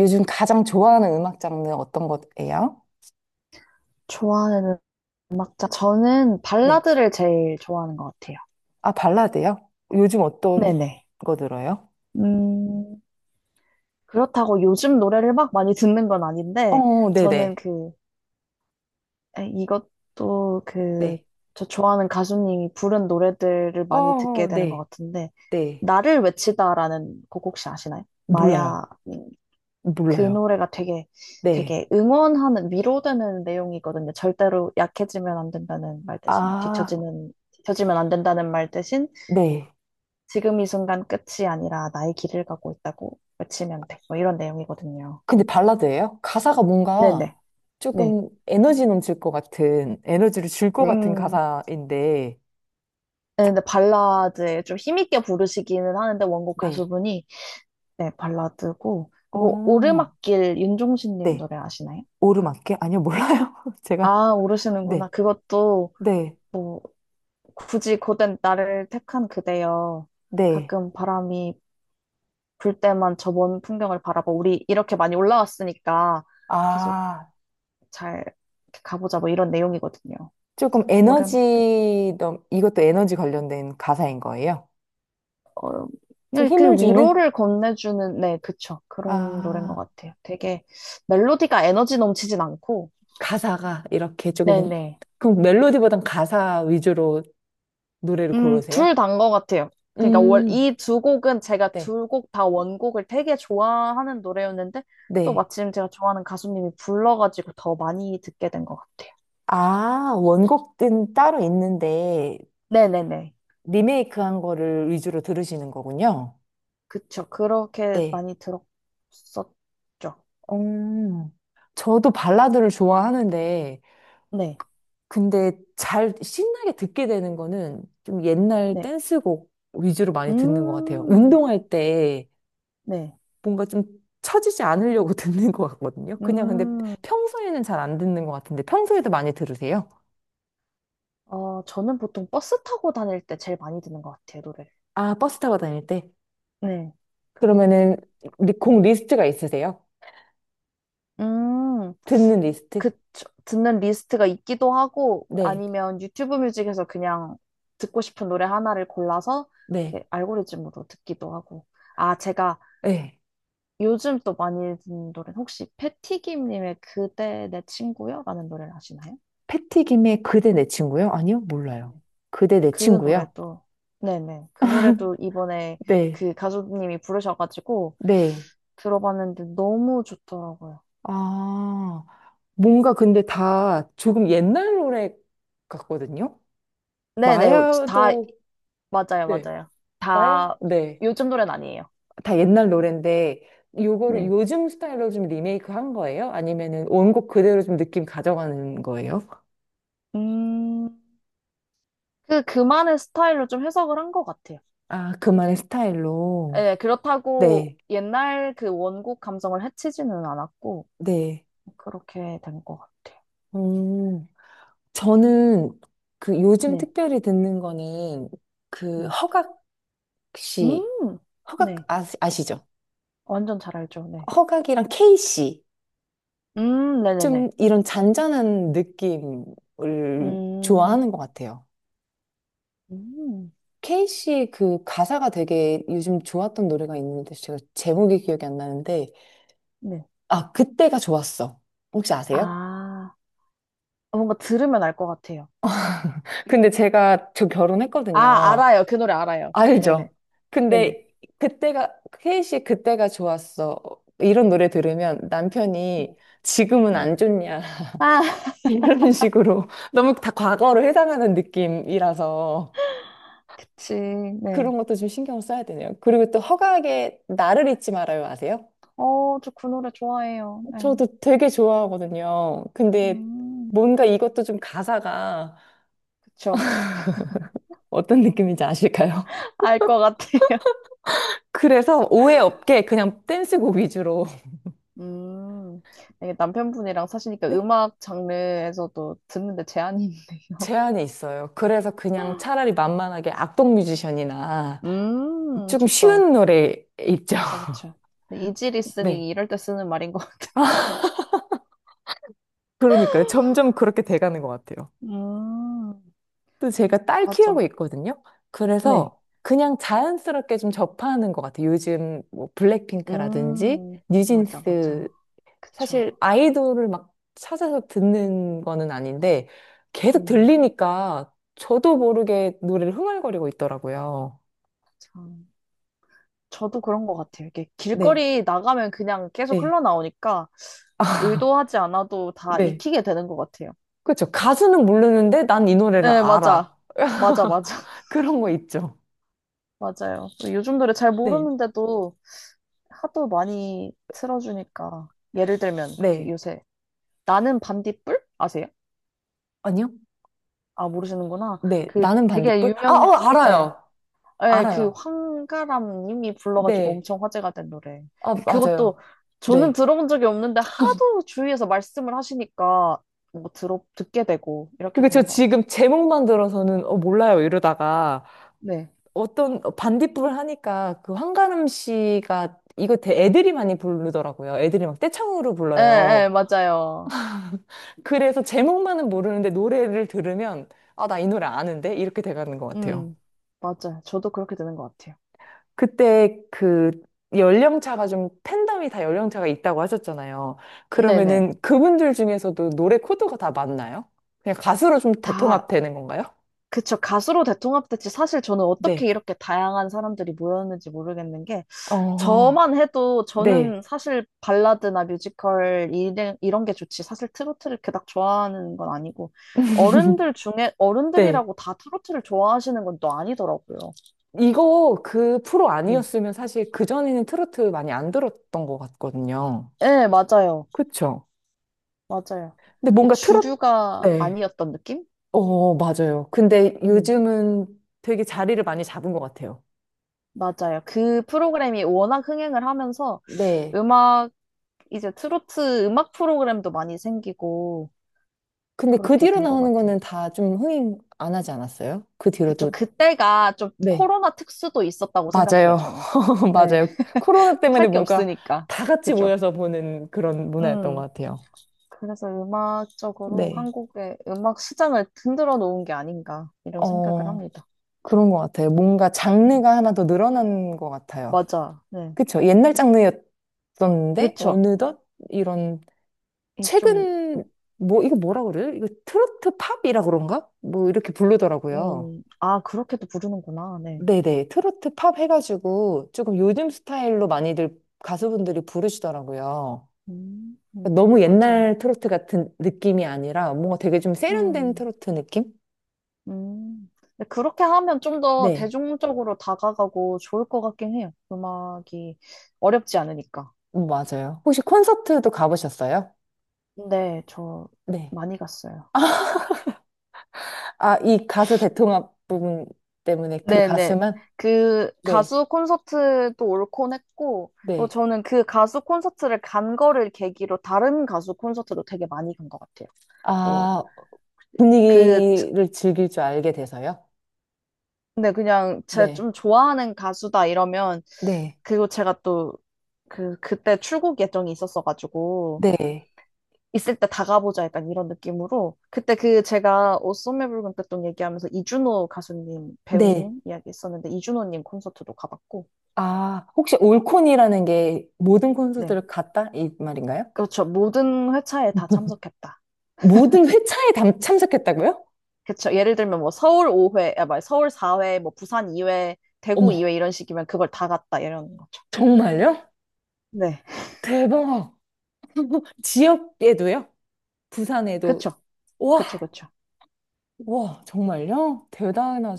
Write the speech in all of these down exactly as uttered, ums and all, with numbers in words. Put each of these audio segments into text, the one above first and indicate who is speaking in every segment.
Speaker 1: 요즘 가장 좋아하는 음악 장르 어떤 거예요?
Speaker 2: 좋아하는 음악 장 저는
Speaker 1: 네,
Speaker 2: 발라드를 제일 좋아하는 것 같아요.
Speaker 1: 아, 발라드요? 요즘 어떤
Speaker 2: 네네.
Speaker 1: 거 들어요?
Speaker 2: 음, 그렇다고 요즘 노래를 막 많이 듣는 건 아닌데,
Speaker 1: 어,
Speaker 2: 저는
Speaker 1: 네네,
Speaker 2: 그, 에, 이것도 그,
Speaker 1: 네,
Speaker 2: 저 좋아하는 가수님이 부른 노래들을 많이 듣게
Speaker 1: 어,
Speaker 2: 되는 것
Speaker 1: 네,
Speaker 2: 같은데,
Speaker 1: 네,
Speaker 2: 나를 외치다라는 곡 혹시 아시나요? 마야.
Speaker 1: 몰라요,
Speaker 2: 음, 그
Speaker 1: 몰라요,
Speaker 2: 노래가 되게,
Speaker 1: 네,
Speaker 2: 되게 응원하는, 위로되는 내용이거든요. 절대로 약해지면 안 된다는 말 대신,
Speaker 1: 아,
Speaker 2: 뒤처지는, 뒤처지면 안 된다는 말 대신,
Speaker 1: 네.
Speaker 2: 지금 이 순간 끝이 아니라 나의 길을 가고 있다고 외치면 돼. 뭐 이런 내용이거든요.
Speaker 1: 근데 발라드예요? 가사가 뭔가
Speaker 2: 네네. 네.
Speaker 1: 조금 에너지 넘칠 것 같은, 에너지를 줄 것 같은
Speaker 2: 음.
Speaker 1: 가사인데,
Speaker 2: 네, 근데 발라드에 좀 힘있게 부르시기는 하는데 원곡
Speaker 1: 네.
Speaker 2: 가수분이, 네, 발라드고, 그리고
Speaker 1: 어,
Speaker 2: 오르막길 윤종신님
Speaker 1: 네.
Speaker 2: 노래 아시나요?
Speaker 1: 오르막길? 아니요, 몰라요. 제가,
Speaker 2: 아,
Speaker 1: 네,
Speaker 2: 모르시는구나. 그것도
Speaker 1: 네,
Speaker 2: 뭐, 굳이 고된 나를 택한 그대여,
Speaker 1: 네.
Speaker 2: 가끔 바람이 불 때만 저 먼 풍경을 바라봐, 우리 이렇게 많이 올라왔으니까 계속
Speaker 1: 아.
Speaker 2: 잘 이렇게 가보자, 뭐 이런 내용이거든요.
Speaker 1: 조금
Speaker 2: 뭐를 맡길,
Speaker 1: 에너지, 넘- 이것도 에너지 관련된 가사인 거예요.
Speaker 2: 어,
Speaker 1: 좀
Speaker 2: 그냥
Speaker 1: 힘을
Speaker 2: 그
Speaker 1: 주는?
Speaker 2: 위로를 건네주는, 네, 그쵸, 그런 노래인 것
Speaker 1: 아,
Speaker 2: 같아요. 되게 멜로디가 에너지 넘치진 않고.
Speaker 1: 가사가 이렇게 조금,
Speaker 2: 네네.
Speaker 1: 그럼 멜로디보단 가사 위주로 노래를
Speaker 2: 음,
Speaker 1: 고르세요?
Speaker 2: 둘 다인 것 같아요. 그러니까 월,
Speaker 1: 음,
Speaker 2: 이 두 곡은 제가
Speaker 1: 네.
Speaker 2: 두 곡 다 원곡을 되게 좋아하는 노래였는데, 또
Speaker 1: 네.
Speaker 2: 마침 제가 좋아하는 가수님이 불러가지고 더 많이 듣게 된 것 같아요.
Speaker 1: 아, 원곡은 따로 있는데,
Speaker 2: 네네네.
Speaker 1: 리메이크한 거를 위주로 들으시는 거군요.
Speaker 2: 그쵸. 그렇게
Speaker 1: 네.
Speaker 2: 많이 들었었죠.
Speaker 1: 음, 저도 발라드를 좋아하는데,
Speaker 2: 네,
Speaker 1: 근데 잘 신나게 듣게 되는 거는 좀 옛날
Speaker 2: 네.
Speaker 1: 댄스곡 위주로 많이 듣는 것 같아요.
Speaker 2: 음,
Speaker 1: 운동할 때
Speaker 2: 네.
Speaker 1: 뭔가 좀 처지지 않으려고 듣는 것 같거든요. 그냥 근데
Speaker 2: 음.
Speaker 1: 평소에는 잘 안 듣는 것 같은데 평소에도 많이 들으세요?
Speaker 2: 어, 저는 보통 버스 타고 다닐 때 제일 많이 듣는 것 같아요, 노래를.
Speaker 1: 아, 버스 타고 다닐 때?
Speaker 2: 네. 그리고.
Speaker 1: 그러면은 리- 곡
Speaker 2: 네.
Speaker 1: 리스트가 있으세요?
Speaker 2: 음,
Speaker 1: 듣는 리스트?
Speaker 2: 그, 저- 듣는 리스트가 있기도 하고,
Speaker 1: 네,
Speaker 2: 아니면 유튜브 뮤직에서 그냥 듣고 싶은 노래 하나를 골라서
Speaker 1: 네,
Speaker 2: 이렇게 알고리즘으로 듣기도 하고. 아, 제가
Speaker 1: 네.
Speaker 2: 요즘 또 많이 듣는 노래는, 혹시 패티김님의 그대 내 친구여? 라는 노래를 아시나요?
Speaker 1: 패티김의 그대 내 친구요? 아니요, 몰라요. 그대 내
Speaker 2: 그
Speaker 1: 친구요?
Speaker 2: 노래도 네네, 그 노래도 이번에
Speaker 1: 네,
Speaker 2: 그 가수님이 부르셔가지고
Speaker 1: 네.
Speaker 2: 들어봤는데 너무 좋더라고요.
Speaker 1: 아. 뭔가 근데 다 조금 옛날 노래 같거든요?
Speaker 2: 네네. 다
Speaker 1: 마야도,
Speaker 2: 맞아요,
Speaker 1: 네,
Speaker 2: 맞아요.
Speaker 1: 마야?
Speaker 2: 다
Speaker 1: 네.
Speaker 2: 요즘 노래는 아니에요.
Speaker 1: 다 옛날 노래인데, 요거를
Speaker 2: 네.
Speaker 1: 요즘 스타일로 좀 리메이크 한 거예요? 아니면은 원곡 그대로 좀 느낌 가져가는 거예요?
Speaker 2: 음, 그 그만의 스타일로 좀 해석을 한 것 같아요.
Speaker 1: 아, 그만의 스타일로.
Speaker 2: 네, 그렇다고
Speaker 1: 네,
Speaker 2: 옛날 그 원곡 감성을 해치지는 않았고
Speaker 1: 네.
Speaker 2: 그렇게 된 것 같아요.
Speaker 1: 음, 저는 그 요즘
Speaker 2: 네,
Speaker 1: 특별히 듣는 거는 그
Speaker 2: 네.
Speaker 1: 허각 씨,
Speaker 2: 음,
Speaker 1: 허각
Speaker 2: 네.
Speaker 1: 아, 아시죠?
Speaker 2: 완전 잘 알죠. 네.
Speaker 1: 허각이랑 케이 씨.
Speaker 2: 음, 네네네.
Speaker 1: 좀 이런 잔잔한 느낌을
Speaker 2: 음.
Speaker 1: 좋아하는 것 같아요.
Speaker 2: 음,
Speaker 1: 케이 씨의 그 가사가 되게 요즘 좋았던 노래가 있는데 제가 제목이 기억이 안 나는데
Speaker 2: 네.
Speaker 1: 아 그때가 좋았어. 혹시 아세요?
Speaker 2: 아, 어, 뭔가 들으면 알 것 같아요.
Speaker 1: 근데 제가 저
Speaker 2: 아,
Speaker 1: 결혼했거든요.
Speaker 2: 알아요. 그 노래 알아요.
Speaker 1: 알죠?
Speaker 2: 네네. 네네.
Speaker 1: 근데 그때가 케이 씨의 그때가 좋았어. 이런 노래 들으면
Speaker 2: 네.
Speaker 1: 남편이 지금은
Speaker 2: 네.
Speaker 1: 안 좋냐
Speaker 2: 아,
Speaker 1: 이런 식으로 너무 다 과거로 해당하는 느낌이라서
Speaker 2: 그치. 네.
Speaker 1: 그런 것도 좀 신경을 써야 되네요. 그리고 또 허각의 나를 잊지 말아요 아세요?
Speaker 2: 어, 저 그 노래 좋아해요. 네.
Speaker 1: 저도 되게 좋아하거든요. 근데
Speaker 2: 음,
Speaker 1: 뭔가 이것도 좀 가사가
Speaker 2: 그쵸.
Speaker 1: 어떤 느낌인지 아실까요?
Speaker 2: 알 것 같아요.
Speaker 1: 그래서 오해 없게 그냥 댄스곡 위주로
Speaker 2: 음, 이게 남편분이랑 사시니까
Speaker 1: 네?
Speaker 2: 음악 장르에서도 듣는데 제한이 있네요.
Speaker 1: 제한이 있어요. 그래서 그냥 차라리 만만하게 악동 뮤지션이나
Speaker 2: 음,
Speaker 1: 조금
Speaker 2: 좋죠.
Speaker 1: 쉬운 노래 있죠.
Speaker 2: 그쵸, 그쵸. 이지
Speaker 1: 네.
Speaker 2: 리스닝이 이럴 때 쓰는 말인 것 같아요.
Speaker 1: 그러니까요. 점점 그렇게 돼가는 것 같아요.
Speaker 2: 음,
Speaker 1: 또 제가 딸 키우고
Speaker 2: 맞죠.
Speaker 1: 있거든요.
Speaker 2: 네.
Speaker 1: 그래서 그냥 자연스럽게 좀 접하는 것 같아요. 요즘 뭐 블랙핑크라든지
Speaker 2: 음, 맞아,
Speaker 1: 뉴진스
Speaker 2: 맞아. 그쵸.
Speaker 1: 사실 아이돌을 막 찾아서 듣는 거는 아닌데 계속
Speaker 2: 음,
Speaker 1: 들리니까 저도 모르게 노래를 흥얼거리고 있더라고요.
Speaker 2: 참. 저도 그런 것 같아요. 이게
Speaker 1: 네,
Speaker 2: 길거리 나가면 그냥 계속
Speaker 1: 네.
Speaker 2: 흘러나오니까
Speaker 1: 아,
Speaker 2: 의도하지 않아도 다
Speaker 1: 네.
Speaker 2: 익히게 되는 것 같아요.
Speaker 1: 그렇죠. 가수는 모르는데 난 이 노래를
Speaker 2: 네, 맞아.
Speaker 1: 알아.
Speaker 2: 맞아, 맞아.
Speaker 1: 그런 거 있죠.
Speaker 2: 맞아요. 요즘 노래 잘
Speaker 1: 네,
Speaker 2: 모르는데도 하도 많이 틀어주니까. 예를 들면, 그
Speaker 1: 네.
Speaker 2: 요새, 나는 반딧불? 아세요?
Speaker 1: 아니요?
Speaker 2: 아, 모르시는구나.
Speaker 1: 네.
Speaker 2: 그
Speaker 1: 나는
Speaker 2: 되게
Speaker 1: 반딧불? 아,
Speaker 2: 유명해.
Speaker 1: 어,
Speaker 2: 예.
Speaker 1: 알아요.
Speaker 2: 예, 그
Speaker 1: 알아요.
Speaker 2: 황가람 님이 불러가지고
Speaker 1: 네.
Speaker 2: 엄청 화제가 된 노래.
Speaker 1: 아, 맞아요.
Speaker 2: 그것도 저는
Speaker 1: 네.
Speaker 2: 들어본 적이 없는데 하도 주위에서 말씀을 하시니까 뭐 들어 듣게 되고 이렇게
Speaker 1: 그게 저
Speaker 2: 되는 것
Speaker 1: 지금
Speaker 2: 같아요.
Speaker 1: 제목만 들어서는 어, 몰라요 이러다가
Speaker 2: 네.
Speaker 1: 어떤 어, 반딧불 을 하니까 그 한가름 씨가 이거 대- 애들이 많이 부르더라고요. 애들이 막 떼창으로
Speaker 2: 예, 예,
Speaker 1: 불러요.
Speaker 2: 맞아요.
Speaker 1: 그래서 제목만은 모르는데 노래를 들으면 아, 나 이 노래 아는데? 이렇게 돼가는 것 같아요.
Speaker 2: 음, 맞아요. 저도 그렇게 되는 것 같아요.
Speaker 1: 그때 그 연령차가 좀 팬덤이 다 연령차가 있다고 하셨잖아요.
Speaker 2: 네네.
Speaker 1: 그러면은 그분들 중에서도 노래 코드가 다 맞나요? 그냥 가수로 좀
Speaker 2: 다,
Speaker 1: 대통합되는 건가요?
Speaker 2: 그쵸. 가수로 대통합됐지. 사실 저는 어떻게
Speaker 1: 네.
Speaker 2: 이렇게 다양한 사람들이 모였는지 모르겠는 게,
Speaker 1: 어,
Speaker 2: 저만 해도
Speaker 1: 네.
Speaker 2: 저는 사실 발라드나 뮤지컬 이런, 이런 게 좋지, 사실 트로트를 그닥 좋아하는 건 아니고. 어른들 중에
Speaker 1: 네.
Speaker 2: 어른들이라고 다 트로트를 좋아하시는 건 또 아니더라고요.
Speaker 1: 이거 그 프로
Speaker 2: 음.
Speaker 1: 아니었으면 사실 그전에는 트로트 많이 안 들었던 것 같거든요.
Speaker 2: 네, 맞아요.
Speaker 1: 그쵸?
Speaker 2: 맞아요.
Speaker 1: 근데 뭔가 트로트,
Speaker 2: 주류가
Speaker 1: 네.
Speaker 2: 아니었던 느낌?
Speaker 1: 어, 맞아요. 근데
Speaker 2: 음,
Speaker 1: 요즘은 되게 자리를 많이 잡은 것 같아요.
Speaker 2: 맞아요. 그 프로그램이 워낙 흥행을 하면서,
Speaker 1: 네.
Speaker 2: 음악 이제 트로트 음악 프로그램도 많이 생기고
Speaker 1: 근데 그
Speaker 2: 그렇게
Speaker 1: 뒤로
Speaker 2: 된 것
Speaker 1: 나오는
Speaker 2: 같아요.
Speaker 1: 거는 다 좀 흥행 안 하지 않았어요? 그
Speaker 2: 그쵸.
Speaker 1: 뒤로도.
Speaker 2: 그때가 좀
Speaker 1: 네.
Speaker 2: 코로나 특수도 있었다고 생각해요,
Speaker 1: 맞아요.
Speaker 2: 저는. 네.
Speaker 1: 맞아요. 코로나 때문에
Speaker 2: 할 게
Speaker 1: 뭔가
Speaker 2: 없으니까.
Speaker 1: 다 같이
Speaker 2: 그죠.
Speaker 1: 모여서 보는 그런 문화였던 것
Speaker 2: 음.
Speaker 1: 같아요.
Speaker 2: 그래서 음악적으로
Speaker 1: 네.
Speaker 2: 한국의 음악 시장을 흔들어 놓은 게 아닌가, 이런 생각을
Speaker 1: 어,
Speaker 2: 합니다.
Speaker 1: 그런 것 같아요. 뭔가
Speaker 2: 음.
Speaker 1: 장르가 하나 더 늘어난 것 같아요.
Speaker 2: 맞아. 네.
Speaker 1: 그쵸? 옛날 장르였었는데,
Speaker 2: 그쵸.
Speaker 1: 어느덧 이런,
Speaker 2: 이 좀,
Speaker 1: 최근, 뭐, 이거 뭐라 그래요? 이거 트로트 팝이라 그런가? 뭐, 이렇게 부르더라고요.
Speaker 2: 음, 아, 그렇게도 부르는구나. 네.
Speaker 1: 네네. 트로트 팝 해가지고, 조금 요즘 스타일로 많이들 가수분들이 부르시더라고요.
Speaker 2: 음,
Speaker 1: 그러니까
Speaker 2: 음,
Speaker 1: 너무
Speaker 2: 맞아요.
Speaker 1: 옛날 트로트 같은 느낌이 아니라, 뭔가 되게 좀 세련된
Speaker 2: 음,
Speaker 1: 트로트 느낌?
Speaker 2: 음. 근데 그렇게 하면 좀 더
Speaker 1: 네.
Speaker 2: 대중적으로 다가가고 좋을 것 같긴 해요. 음악이 어렵지 않으니까.
Speaker 1: 음, 맞아요. 혹시 콘서트도 가보셨어요?
Speaker 2: 네, 저
Speaker 1: 네.
Speaker 2: 많이 갔어요.
Speaker 1: 아, 이 가수 대통합 부분 때문에 그
Speaker 2: 네네.
Speaker 1: 가수만?
Speaker 2: 그
Speaker 1: 네,
Speaker 2: 가수 콘서트도 올콘 했고, 뭐
Speaker 1: 네.
Speaker 2: 저는 그 가수 콘서트를 간 거를 계기로 다른 가수 콘서트도 되게 많이 간 것 같아요. 뭐,
Speaker 1: 아,
Speaker 2: 그, 트-
Speaker 1: 분위기를 즐길 줄 알게 돼서요?
Speaker 2: 근데 그냥 제가
Speaker 1: 네,
Speaker 2: 좀 좋아하는 가수다 이러면,
Speaker 1: 네,
Speaker 2: 그리고 제가 또 그, 그때 출국 예정이 있었어가지고,
Speaker 1: 네,
Speaker 2: 있을 때 다가보자 약간 이런 느낌으로. 그때 그 제가 옷소매 붉은 끝돈 얘기하면서 이준호 가수님
Speaker 1: 네.
Speaker 2: 배우님 이야기 했었는데 이준호님 콘서트도 가봤고.
Speaker 1: 아, 혹시 올콘이라는 게 모든
Speaker 2: 네,
Speaker 1: 콘서트를 갔다? 이 말인가요?
Speaker 2: 그렇죠, 모든 회차에 다 참석했다.
Speaker 1: 모든 회차에 담- 참석했다고요?
Speaker 2: 그렇죠, 예를 들면 뭐 서울 오 회, 아 말 서울 사 회, 뭐 부산 이 회, 대구
Speaker 1: 어머,
Speaker 2: 이 회 이런 식이면 그걸 다 갔다, 이런 거죠.
Speaker 1: 정말요?
Speaker 2: 네,
Speaker 1: 대박. 지역에도요?
Speaker 2: 그렇죠,
Speaker 1: 부산에도. 와,
Speaker 2: 그렇죠. 그렇죠,
Speaker 1: 와, 정말요?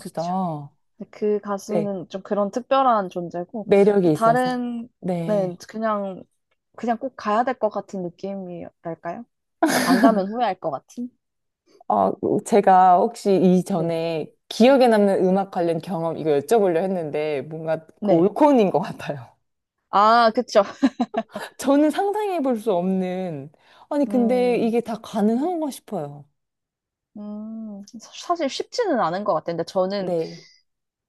Speaker 2: 그렇죠, 그
Speaker 1: 네,
Speaker 2: 가수는 좀 그런 특별한 존재고.
Speaker 1: 매력이 있어서.
Speaker 2: 다른, 네,
Speaker 1: 네.
Speaker 2: 그냥 그냥 꼭 가야 될 것 같은 느낌이랄까요? 안 가면 후회할 것 같은?
Speaker 1: 아, 제가 혹시
Speaker 2: 네.
Speaker 1: 이전에 기억에 남는 음악 관련 경험 이거 여쭤보려 했는데 뭔가 그
Speaker 2: 네.
Speaker 1: 올콘인 것 같아요.
Speaker 2: 아, 그쵸.
Speaker 1: 저는 상상해 볼 수 없는, 아니, 근데
Speaker 2: 음,
Speaker 1: 이게 다 가능한가 싶어요.
Speaker 2: 음, 사- 사실 쉽지는 않은 것 같아요. 근데 저는
Speaker 1: 네,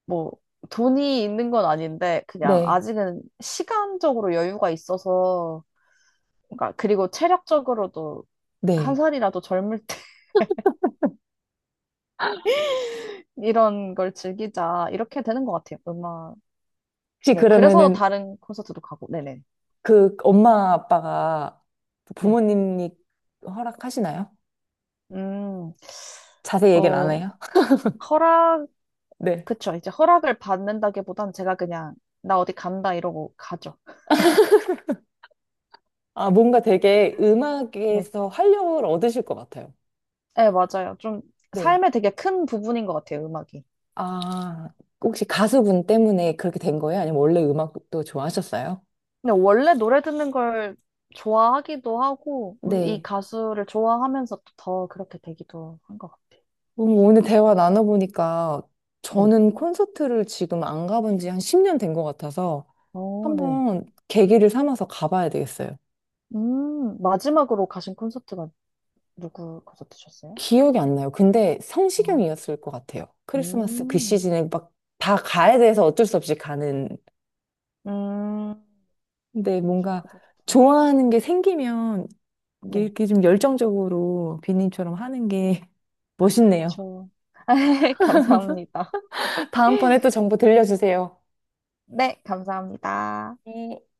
Speaker 2: 뭐 돈이 있는 건 아닌데 그냥
Speaker 1: 네,
Speaker 2: 아직은 시간적으로 여유가 있어서, 그러니까. 그리고 체력적으로도 한
Speaker 1: 네.
Speaker 2: 살이라도 젊을 때 이런 걸 즐기자, 이렇게 되는 것 같아요, 음악.
Speaker 1: 혹시
Speaker 2: 네. 그래서
Speaker 1: 그러면은
Speaker 2: 다른 콘서트도 가고. 네네.
Speaker 1: 그 엄마 아빠가
Speaker 2: 네.
Speaker 1: 부모님이 허락하시나요?
Speaker 2: 음,
Speaker 1: 자세히 얘기는 안
Speaker 2: 뭐
Speaker 1: 해요?
Speaker 2: 허락
Speaker 1: 네.
Speaker 2: 그쵸. 이제 허락을 받는다기보단 제가 그냥 나 어디 간다 이러고 가죠.
Speaker 1: 아, 뭔가 되게
Speaker 2: 네.
Speaker 1: 음악에서 활력을 얻으실 것 같아요.
Speaker 2: 네, 맞아요. 좀
Speaker 1: 네.
Speaker 2: 삶의 되게 큰 부분인 것 같아요, 음악이.
Speaker 1: 아, 혹시 가수분 때문에 그렇게 된 거예요? 아니면 원래 음악도 좋아하셨어요?
Speaker 2: 근데 원래 노래 듣는 걸 좋아하기도 하고, 이
Speaker 1: 네.
Speaker 2: 가수를 좋아하면서 또더 그렇게 되기도 한 것 같아요.
Speaker 1: 음, 오늘 대화 나눠보니까
Speaker 2: 네.
Speaker 1: 저는 콘서트를 지금 안 가본 지 한 십 년 된 것 같아서
Speaker 2: 어, 네.
Speaker 1: 한번 계기를 삼아서 가봐야 되겠어요.
Speaker 2: 음, 마지막으로 가신 콘서트가 누구 콘서트셨어요?
Speaker 1: 기억이 안 나요. 근데
Speaker 2: 아,
Speaker 1: 성시경이었을 것 같아요. 크리스마스 그
Speaker 2: 음,
Speaker 1: 시즌에 막 다 가야 돼서 어쩔 수 없이 가는.
Speaker 2: 음,
Speaker 1: 근데
Speaker 2: 저
Speaker 1: 뭔가
Speaker 2: 그것도.
Speaker 1: 좋아하는 게 생기면
Speaker 2: 네,
Speaker 1: 이렇게 좀 열정적으로 비님처럼 하는 게 멋있네요.
Speaker 2: 저. 감사합니다.
Speaker 1: 다음번에 또 정보 들려주세요.
Speaker 2: 네, 감사합니다.
Speaker 1: 네.